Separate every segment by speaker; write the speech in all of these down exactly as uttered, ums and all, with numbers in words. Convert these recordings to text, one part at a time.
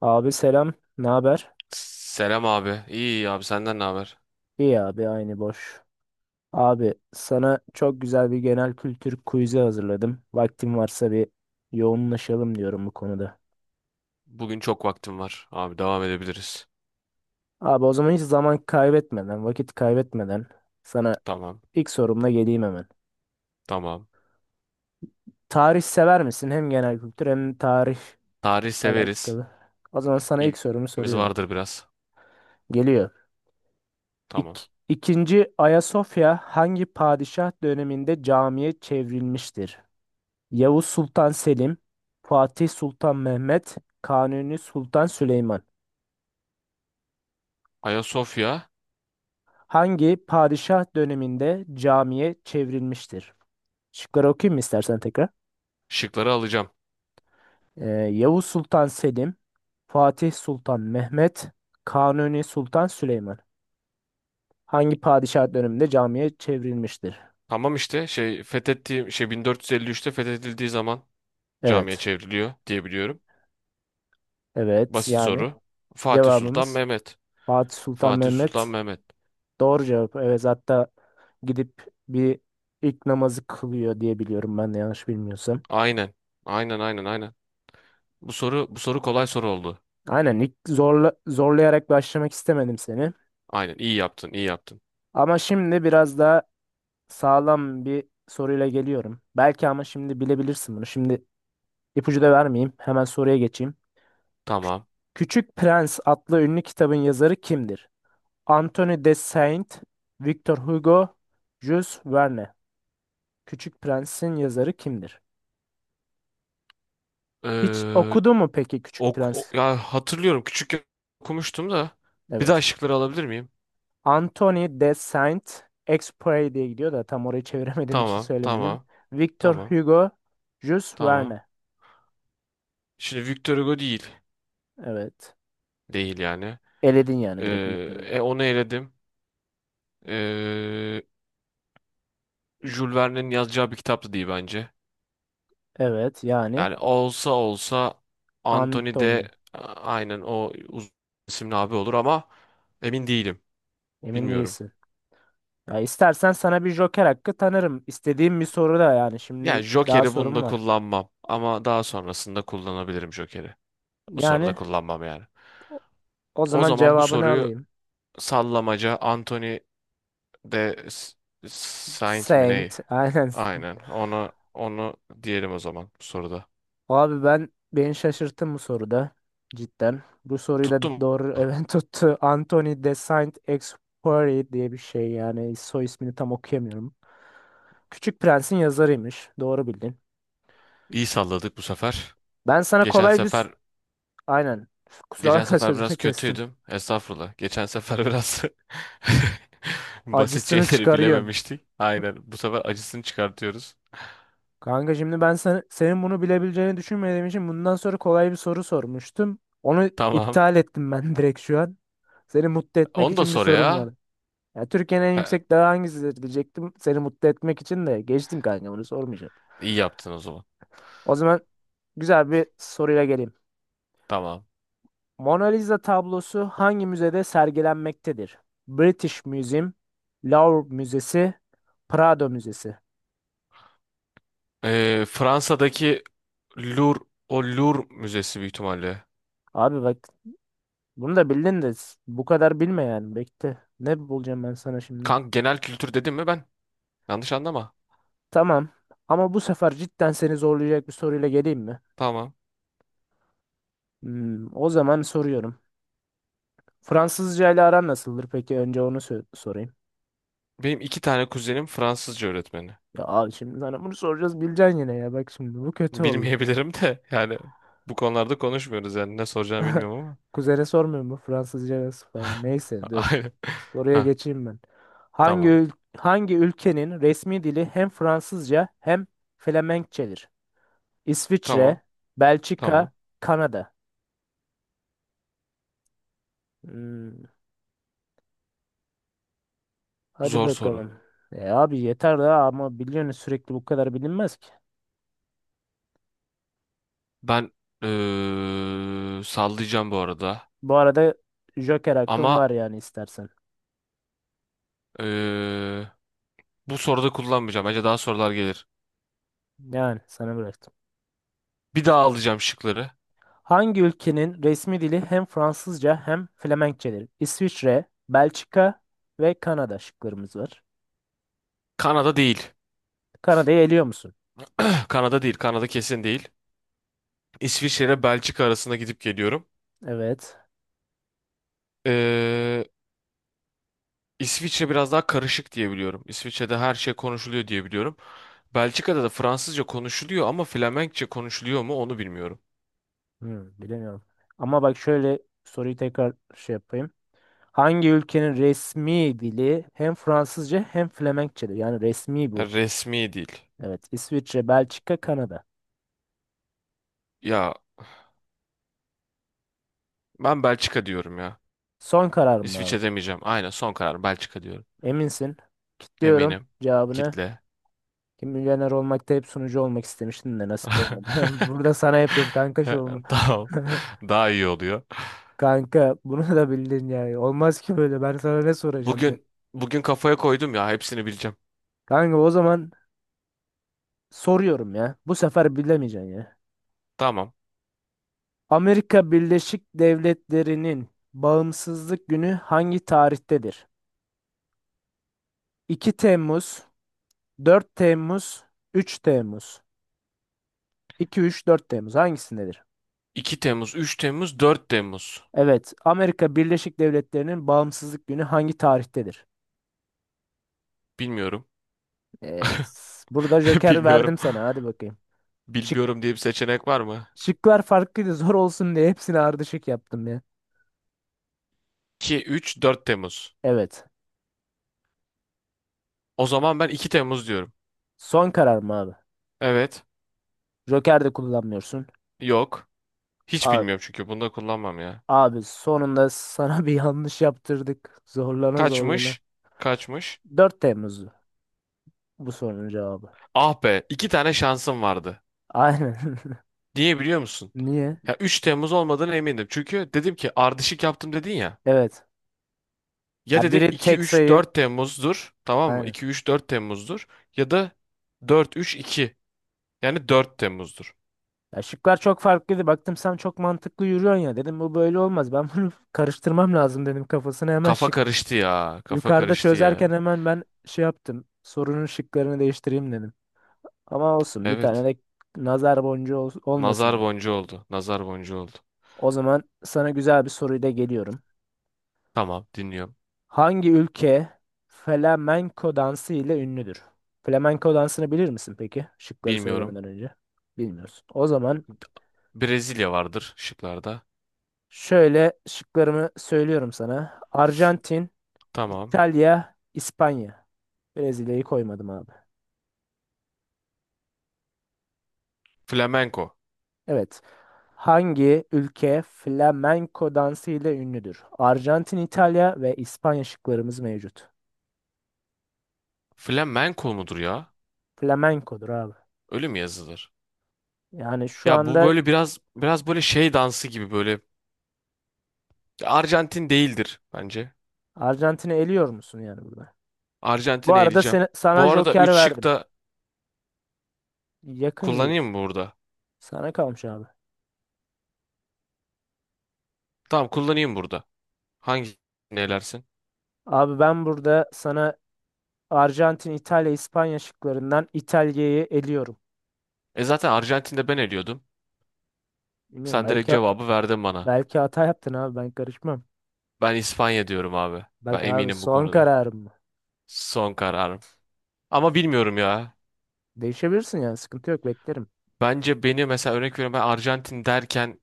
Speaker 1: Abi selam, ne haber?
Speaker 2: Selam abi. İyi abi senden ne haber?
Speaker 1: İyi abi, aynı boş. Abi sana çok güzel bir genel kültür quiz'i hazırladım. Vaktin varsa bir yoğunlaşalım diyorum bu konuda.
Speaker 2: Bugün çok vaktim var. Abi devam edebiliriz.
Speaker 1: Abi o zaman hiç zaman kaybetmeden, vakit kaybetmeden sana
Speaker 2: Tamam.
Speaker 1: ilk sorumla geleyim hemen.
Speaker 2: Tamam.
Speaker 1: Tarih sever misin? Hem genel kültür hem tarih
Speaker 2: Tarih severiz.
Speaker 1: alakalı. O zaman sana ilk sorumu
Speaker 2: İlgimiz
Speaker 1: soruyorum.
Speaker 2: vardır biraz.
Speaker 1: Geliyor.
Speaker 2: Tamam.
Speaker 1: İk İkinci Ayasofya hangi padişah döneminde camiye çevrilmiştir? Yavuz Sultan Selim, Fatih Sultan Mehmet, Kanuni Sultan Süleyman
Speaker 2: Ayasofya
Speaker 1: hangi padişah döneminde camiye çevrilmiştir? Şıkları okuyayım mı istersen tekrar?
Speaker 2: şıkları alacağım.
Speaker 1: Ee, Yavuz Sultan Selim, Fatih Sultan Mehmet, Kanuni Sultan Süleyman hangi padişah döneminde camiye çevrilmiştir?
Speaker 2: Tamam işte şey fethettiğim şey bin dört yüz elli üçte fethedildiği zaman camiye
Speaker 1: Evet,
Speaker 2: çevriliyor diye biliyorum.
Speaker 1: evet
Speaker 2: Basit
Speaker 1: yani
Speaker 2: soru. Fatih Sultan
Speaker 1: cevabımız
Speaker 2: Mehmet.
Speaker 1: Fatih Sultan
Speaker 2: Fatih Sultan
Speaker 1: Mehmet
Speaker 2: Mehmet.
Speaker 1: doğru cevap. Evet hatta gidip bir ilk namazı kılıyor diye biliyorum ben de yanlış bilmiyorsam.
Speaker 2: Aynen. Aynen, aynen, aynen. Bu soru bu soru kolay soru oldu.
Speaker 1: Aynen ilk zorla, zorlayarak başlamak istemedim seni.
Speaker 2: Aynen, iyi yaptın, iyi yaptın.
Speaker 1: Ama şimdi biraz daha sağlam bir soruyla geliyorum. Belki ama şimdi bilebilirsin bunu. Şimdi ipucu da vermeyeyim. Hemen soruya geçeyim. Kü-
Speaker 2: Tamam.
Speaker 1: Küçük Prens adlı ünlü kitabın yazarı kimdir? Anthony de Saint, Victor Hugo, Jules Verne. Küçük Prens'in yazarı kimdir? Hiç
Speaker 2: Ee,
Speaker 1: okudu mu peki Küçük
Speaker 2: Ok, o-
Speaker 1: Prens?
Speaker 2: ya hatırlıyorum küçükken okumuştum da. Bir daha
Speaker 1: Evet.
Speaker 2: şıkları alabilir miyim?
Speaker 1: Anthony de Saint-Exupéry diye gidiyor da tam orayı çeviremediğim için
Speaker 2: Tamam,
Speaker 1: söylemedim.
Speaker 2: tamam,
Speaker 1: Victor
Speaker 2: tamam,
Speaker 1: Hugo, Jules
Speaker 2: tamam.
Speaker 1: Verne.
Speaker 2: Şimdi Victor Hugo değil.
Speaker 1: Evet.
Speaker 2: Değil yani.
Speaker 1: Eledin
Speaker 2: Ee,
Speaker 1: yani direkt Victor Hugo.
Speaker 2: e, onu eledim. Ee, Jules Verne'in yazacağı bir kitaptı değil bence.
Speaker 1: Evet yani
Speaker 2: Yani olsa olsa Anthony de
Speaker 1: Anthony.
Speaker 2: a- aynen o uzun isimli abi olur ama emin değilim.
Speaker 1: Emin
Speaker 2: Bilmiyorum.
Speaker 1: değilsin. Ya istersen sana bir joker hakkı tanırım. İstediğim bir soru da yani
Speaker 2: Yani
Speaker 1: şimdi daha
Speaker 2: Joker'i
Speaker 1: sorum
Speaker 2: bunda
Speaker 1: var.
Speaker 2: kullanmam ama daha sonrasında kullanabilirim Joker'i. Bu soruda
Speaker 1: Yani
Speaker 2: kullanmam yani.
Speaker 1: o o
Speaker 2: O
Speaker 1: zaman
Speaker 2: zaman bu
Speaker 1: cevabını
Speaker 2: soruyu
Speaker 1: alayım.
Speaker 2: sallamaca Anthony de S- Saint mi ne?
Speaker 1: Saint. Aynen.
Speaker 2: Aynen. Onu onu diyelim o zaman bu soruda.
Speaker 1: Abi ben beni şaşırttı bu soruda cidden. Bu soruyu da
Speaker 2: Tuttum.
Speaker 1: doğru evet tuttu. Anthony de Saint-Exupéry diye bir şey yani soy ismini tam okuyamıyorum. Küçük Prens'in yazarıymış. Doğru bildin.
Speaker 2: İyi salladık bu sefer.
Speaker 1: Ben sana
Speaker 2: Geçen
Speaker 1: kolay bir s-
Speaker 2: sefer
Speaker 1: Aynen. Kusura
Speaker 2: geçen
Speaker 1: bakma
Speaker 2: sefer
Speaker 1: sözünü
Speaker 2: biraz
Speaker 1: kestim.
Speaker 2: kötüydüm. Estağfurullah. Geçen sefer biraz basit
Speaker 1: Acısını
Speaker 2: şeyleri
Speaker 1: çıkarıyorsun.
Speaker 2: bilememiştik. Aynen. Bu sefer acısını çıkartıyoruz.
Speaker 1: Kanka şimdi ben sen, senin bunu bilebileceğini düşünmediğim için bundan sonra kolay bir soru sormuştum. Onu
Speaker 2: Tamam.
Speaker 1: iptal ettim ben direkt şu an. Seni mutlu etmek
Speaker 2: Onu da
Speaker 1: için bir
Speaker 2: sor
Speaker 1: sorum
Speaker 2: ya.
Speaker 1: var. Ya Türkiye'nin en
Speaker 2: He,
Speaker 1: yüksek dağı hangisidir diyecektim. Seni mutlu etmek için de geçtim kanka bunu sormayacağım.
Speaker 2: iyi yaptın o zaman.
Speaker 1: O zaman güzel bir soruyla geleyim.
Speaker 2: Tamam.
Speaker 1: Mona Lisa tablosu hangi müzede sergilenmektedir? British Museum, Louvre Müzesi, Prado Müzesi.
Speaker 2: Ee, Fransa'daki Louvre, o Louvre Müzesi büyük ihtimalle.
Speaker 1: Abi bak bunu da bildin de bu kadar bilme yani bekle. Ne bulacağım ben sana şimdi?
Speaker 2: Kanka, genel kültür dedim mi ben? Yanlış anlama.
Speaker 1: Tamam ama bu sefer cidden seni zorlayacak bir soruyla geleyim mi?
Speaker 2: Tamam.
Speaker 1: Hmm, o zaman soruyorum. Fransızca ile aran nasıldır peki? Önce onu sö- sorayım.
Speaker 2: Benim iki tane kuzenim Fransızca öğretmeni.
Speaker 1: Ya abi şimdi sana bunu soracağız bileceksin yine ya. Bak şimdi bu kötü oldu.
Speaker 2: Bilmeyebilirim de yani, bu konularda konuşmuyoruz yani ne soracağımı bilmiyorum ama.
Speaker 1: Kuzene sormuyorum bu Fransızca nasıl falan. Neyse dur.
Speaker 2: Aynen.
Speaker 1: Soruya
Speaker 2: Ha,
Speaker 1: geçeyim ben. Hangi
Speaker 2: tamam.
Speaker 1: ül- hangi ülkenin resmi dili hem Fransızca hem Flemenkçedir? İsviçre,
Speaker 2: Tamam.
Speaker 1: Belçika,
Speaker 2: Tamam.
Speaker 1: Kanada. Hmm, hadi
Speaker 2: Zor soru.
Speaker 1: bakalım. E abi yeter daha ama biliyorsun sürekli bu kadar bilinmez ki.
Speaker 2: Ben eee, sallayacağım bu arada.
Speaker 1: Bu arada Joker hakkın
Speaker 2: Ama
Speaker 1: var yani istersen.
Speaker 2: eee, bu soruda kullanmayacağım. Bence daha sorular gelir.
Speaker 1: Yani sana bırak.
Speaker 2: Bir daha alacağım şıkları.
Speaker 1: Hangi ülkenin resmi dili hem Fransızca hem Flemenkçedir? İsviçre, Belçika ve Kanada şıklarımız var.
Speaker 2: Kanada değil.
Speaker 1: Kanada'yı eliyor musun?
Speaker 2: Kanada değil. Kanada kesin değil. İsviçre ile Belçika arasında gidip geliyorum.
Speaker 1: Evet.
Speaker 2: Ee, İsviçre biraz daha karışık diye biliyorum. İsviçre'de her şey konuşuluyor diye biliyorum. Belçika'da da Fransızca konuşuluyor ama Flemenkçe konuşuluyor mu onu bilmiyorum.
Speaker 1: Hmm, bilemiyorum. Ama bak şöyle soruyu tekrar şey yapayım. Hangi ülkenin resmi dili hem Fransızca hem Flemenkçedir? Yani resmi
Speaker 2: Ha,
Speaker 1: bu.
Speaker 2: resmi değil.
Speaker 1: Evet. İsviçre, Belçika, Kanada.
Speaker 2: Ya, ben Belçika diyorum ya.
Speaker 1: Son karar mı abi?
Speaker 2: İsviçre demeyeceğim. Aynen, son karar Belçika diyorum.
Speaker 1: Eminsin. Kilitliyorum
Speaker 2: Eminim.
Speaker 1: cevabını.
Speaker 2: Kitle.
Speaker 1: Kim Milyoner olmakta hep sunucu olmak istemiştim de nasip olmadı. Burada sana yapıyorum kanka şovumu.
Speaker 2: Tamam. Daha iyi oluyor.
Speaker 1: Kanka bunu da bildin yani. Olmaz ki böyle. Ben sana ne soracağım be.
Speaker 2: Bugün bugün kafaya koydum ya hepsini bileceğim.
Speaker 1: Kanka o zaman soruyorum ya. Bu sefer bilemeyeceksin ya.
Speaker 2: Tamam.
Speaker 1: Amerika Birleşik Devletleri'nin bağımsızlık günü hangi tarihtedir? iki Temmuz, dört Temmuz, üç Temmuz. iki, üç, dört Temmuz hangisindedir?
Speaker 2: iki Temmuz, üç Temmuz, dört Temmuz.
Speaker 1: Evet, Amerika Birleşik Devletleri'nin bağımsızlık günü hangi tarihtedir?
Speaker 2: Bilmiyorum.
Speaker 1: Ee, burada Joker
Speaker 2: Bilmiyorum.
Speaker 1: verdim sana. Hadi bakayım. Şık,
Speaker 2: Bilmiyorum diye bir seçenek var mı?
Speaker 1: şıklar farklıydı zor olsun diye hepsini ardışık yaptım ya.
Speaker 2: iki, üç, dört Temmuz.
Speaker 1: Evet.
Speaker 2: O zaman ben iki Temmuz diyorum.
Speaker 1: Son karar mı abi?
Speaker 2: Evet.
Speaker 1: Joker de kullanmıyorsun.
Speaker 2: Yok. Hiç
Speaker 1: A-
Speaker 2: bilmiyorum, çünkü bunu da kullanmam ya.
Speaker 1: abi sonunda sana bir yanlış yaptırdık. Zorlana zorlana.
Speaker 2: Kaçmış? Kaçmış?
Speaker 1: dört Temmuz'du bu sorunun cevabı.
Speaker 2: Ah be, iki tane şansım vardı.
Speaker 1: Aynen.
Speaker 2: Niye biliyor musun?
Speaker 1: Niye?
Speaker 2: Ya üç Temmuz olmadığına emindim. Çünkü dedim ki ardışık yaptım dedin ya.
Speaker 1: Evet.
Speaker 2: Ya
Speaker 1: Ya
Speaker 2: dedim
Speaker 1: biri
Speaker 2: iki,
Speaker 1: tek
Speaker 2: üç,
Speaker 1: sayı.
Speaker 2: dört Temmuz'dur. Tamam mı?
Speaker 1: Aynen.
Speaker 2: iki, üç, dört Temmuz'dur. Ya da dört, üç, iki. Yani dört Temmuz'dur.
Speaker 1: Ya şıklar çok farklıydı. Baktım sen çok mantıklı yürüyorsun ya. Dedim bu böyle olmaz. Ben bunu karıştırmam lazım dedim kafasına. Hemen
Speaker 2: Kafa
Speaker 1: şık
Speaker 2: karıştı ya. Kafa
Speaker 1: yukarıda
Speaker 2: karıştı
Speaker 1: çözerken
Speaker 2: ya.
Speaker 1: hemen ben şey yaptım. Sorunun şıklarını değiştireyim dedim. Ama olsun bir tane
Speaker 2: Evet.
Speaker 1: de nazar boncuğu ol-
Speaker 2: Nazar
Speaker 1: olmasın benim.
Speaker 2: boncuğu oldu. Nazar boncuğu oldu.
Speaker 1: O zaman sana güzel bir soruyla geliyorum.
Speaker 2: Tamam, dinliyorum.
Speaker 1: Hangi ülke flamenco dansı ile ünlüdür? Flamenco dansını bilir misin peki? Şıkları
Speaker 2: Bilmiyorum.
Speaker 1: söylemeden önce. Bilmiyorsun. O zaman
Speaker 2: Brezilya vardır şıklarda.
Speaker 1: şöyle şıklarımı söylüyorum sana. Arjantin,
Speaker 2: Tamam.
Speaker 1: İtalya, İspanya. Brezilya'yı koymadım abi.
Speaker 2: Flamenco.
Speaker 1: Evet. Hangi ülke flamenco dansı ile ünlüdür? Arjantin, İtalya ve İspanya şıklarımız mevcut.
Speaker 2: Flamenco mudur ya?
Speaker 1: Flamenco'dur abi.
Speaker 2: Öyle mi yazılır?
Speaker 1: Yani şu
Speaker 2: Ya bu
Speaker 1: anda
Speaker 2: böyle biraz biraz böyle şey dansı gibi böyle. Arjantin değildir bence.
Speaker 1: Arjantin'i eliyor musun yani burada? Bu
Speaker 2: Arjantin'e
Speaker 1: arada
Speaker 2: eleyeceğim.
Speaker 1: sen-
Speaker 2: Bu
Speaker 1: sana
Speaker 2: arada
Speaker 1: Joker
Speaker 2: üç şık
Speaker 1: verdim.
Speaker 2: da
Speaker 1: Yakın gibi.
Speaker 2: kullanayım mı burada?
Speaker 1: Sana kalmış abi.
Speaker 2: Tamam, kullanayım burada. Hangi elersin?
Speaker 1: Abi ben burada sana Arjantin, İtalya, İspanya şıklarından İtalya'yı eliyorum.
Speaker 2: E zaten Arjantin'de ben eliyordum.
Speaker 1: Bilmiyorum
Speaker 2: Sen direkt
Speaker 1: belki
Speaker 2: cevabı verdin bana.
Speaker 1: belki hata yaptın abi ben karışmam.
Speaker 2: Ben İspanya diyorum abi.
Speaker 1: Bak
Speaker 2: Ben
Speaker 1: abi
Speaker 2: eminim bu
Speaker 1: son
Speaker 2: konuda.
Speaker 1: kararım mı?
Speaker 2: Son karar. Ama bilmiyorum ya.
Speaker 1: Değişebilirsin yani sıkıntı yok beklerim.
Speaker 2: Bence beni, mesela örnek veriyorum, ben Arjantin derken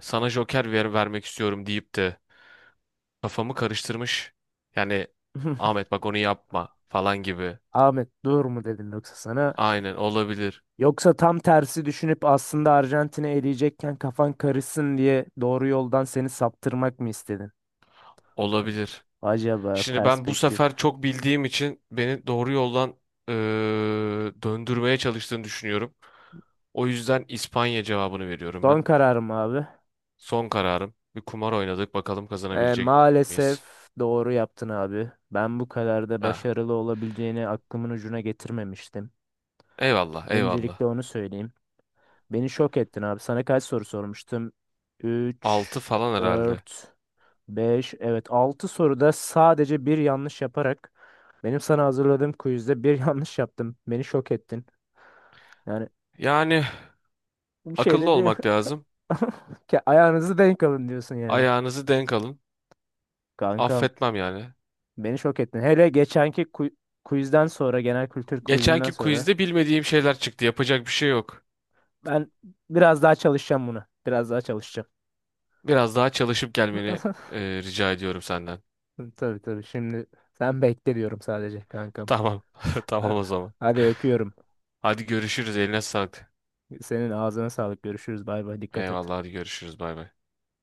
Speaker 2: sana Joker ver vermek istiyorum deyip de kafamı karıştırmış. Yani Ahmet bak onu yapma falan gibi.
Speaker 1: Ahmet dur mu dedim yoksa sana?
Speaker 2: Aynen, olabilir.
Speaker 1: Yoksa tam tersi düşünüp aslında Arjantin'i eleyecekken kafan karışsın diye doğru yoldan seni saptırmak mı istedin?
Speaker 2: Olabilir.
Speaker 1: Acaba
Speaker 2: Şimdi ben bu
Speaker 1: perspektif.
Speaker 2: sefer çok bildiğim için beni doğru yoldan eee, döndürmeye çalıştığını düşünüyorum. O yüzden İspanya cevabını veriyorum
Speaker 1: Son
Speaker 2: ben.
Speaker 1: kararım abi.
Speaker 2: Son kararım. Bir kumar oynadık, bakalım
Speaker 1: E,
Speaker 2: kazanabilecek miyiz?
Speaker 1: maalesef doğru yaptın abi. Ben bu kadar da
Speaker 2: Ha.
Speaker 1: başarılı olabileceğini aklımın ucuna getirmemiştim.
Speaker 2: Eyvallah, eyvallah.
Speaker 1: Öncelikle onu söyleyeyim. Beni şok ettin abi. Sana kaç soru sormuştum?
Speaker 2: Altı
Speaker 1: Üç,
Speaker 2: falan herhalde.
Speaker 1: dört, beş evet altı soruda sadece bir yanlış yaparak benim sana hazırladığım quizde bir yanlış yaptım. Beni şok ettin. Yani
Speaker 2: Yani,
Speaker 1: bir şey
Speaker 2: akıllı
Speaker 1: de bir
Speaker 2: olmak lazım.
Speaker 1: Ke- ayağınızı denk alın diyorsun yani.
Speaker 2: Ayağınızı denk alın.
Speaker 1: Kankam
Speaker 2: Affetmem yani.
Speaker 1: beni şok ettin. Hele geçenki ku- quizden sonra genel kültür quizinden
Speaker 2: Geçenki
Speaker 1: sonra
Speaker 2: quizde bilmediğim şeyler çıktı. Yapacak bir şey yok.
Speaker 1: ben biraz daha çalışacağım buna. Biraz daha çalışacağım.
Speaker 2: Biraz daha çalışıp gelmeni e, rica ediyorum senden.
Speaker 1: Tabii tabii şimdi sen bekle diyorum sadece kankam.
Speaker 2: Tamam. Tamam
Speaker 1: Ha-
Speaker 2: o zaman.
Speaker 1: Hadi öpüyorum.
Speaker 2: Hadi görüşürüz. Eline sağlık.
Speaker 1: Senin ağzına sağlık. Görüşürüz. Bay bay. Dikkat et.
Speaker 2: Eyvallah, hadi görüşürüz. Bay bay.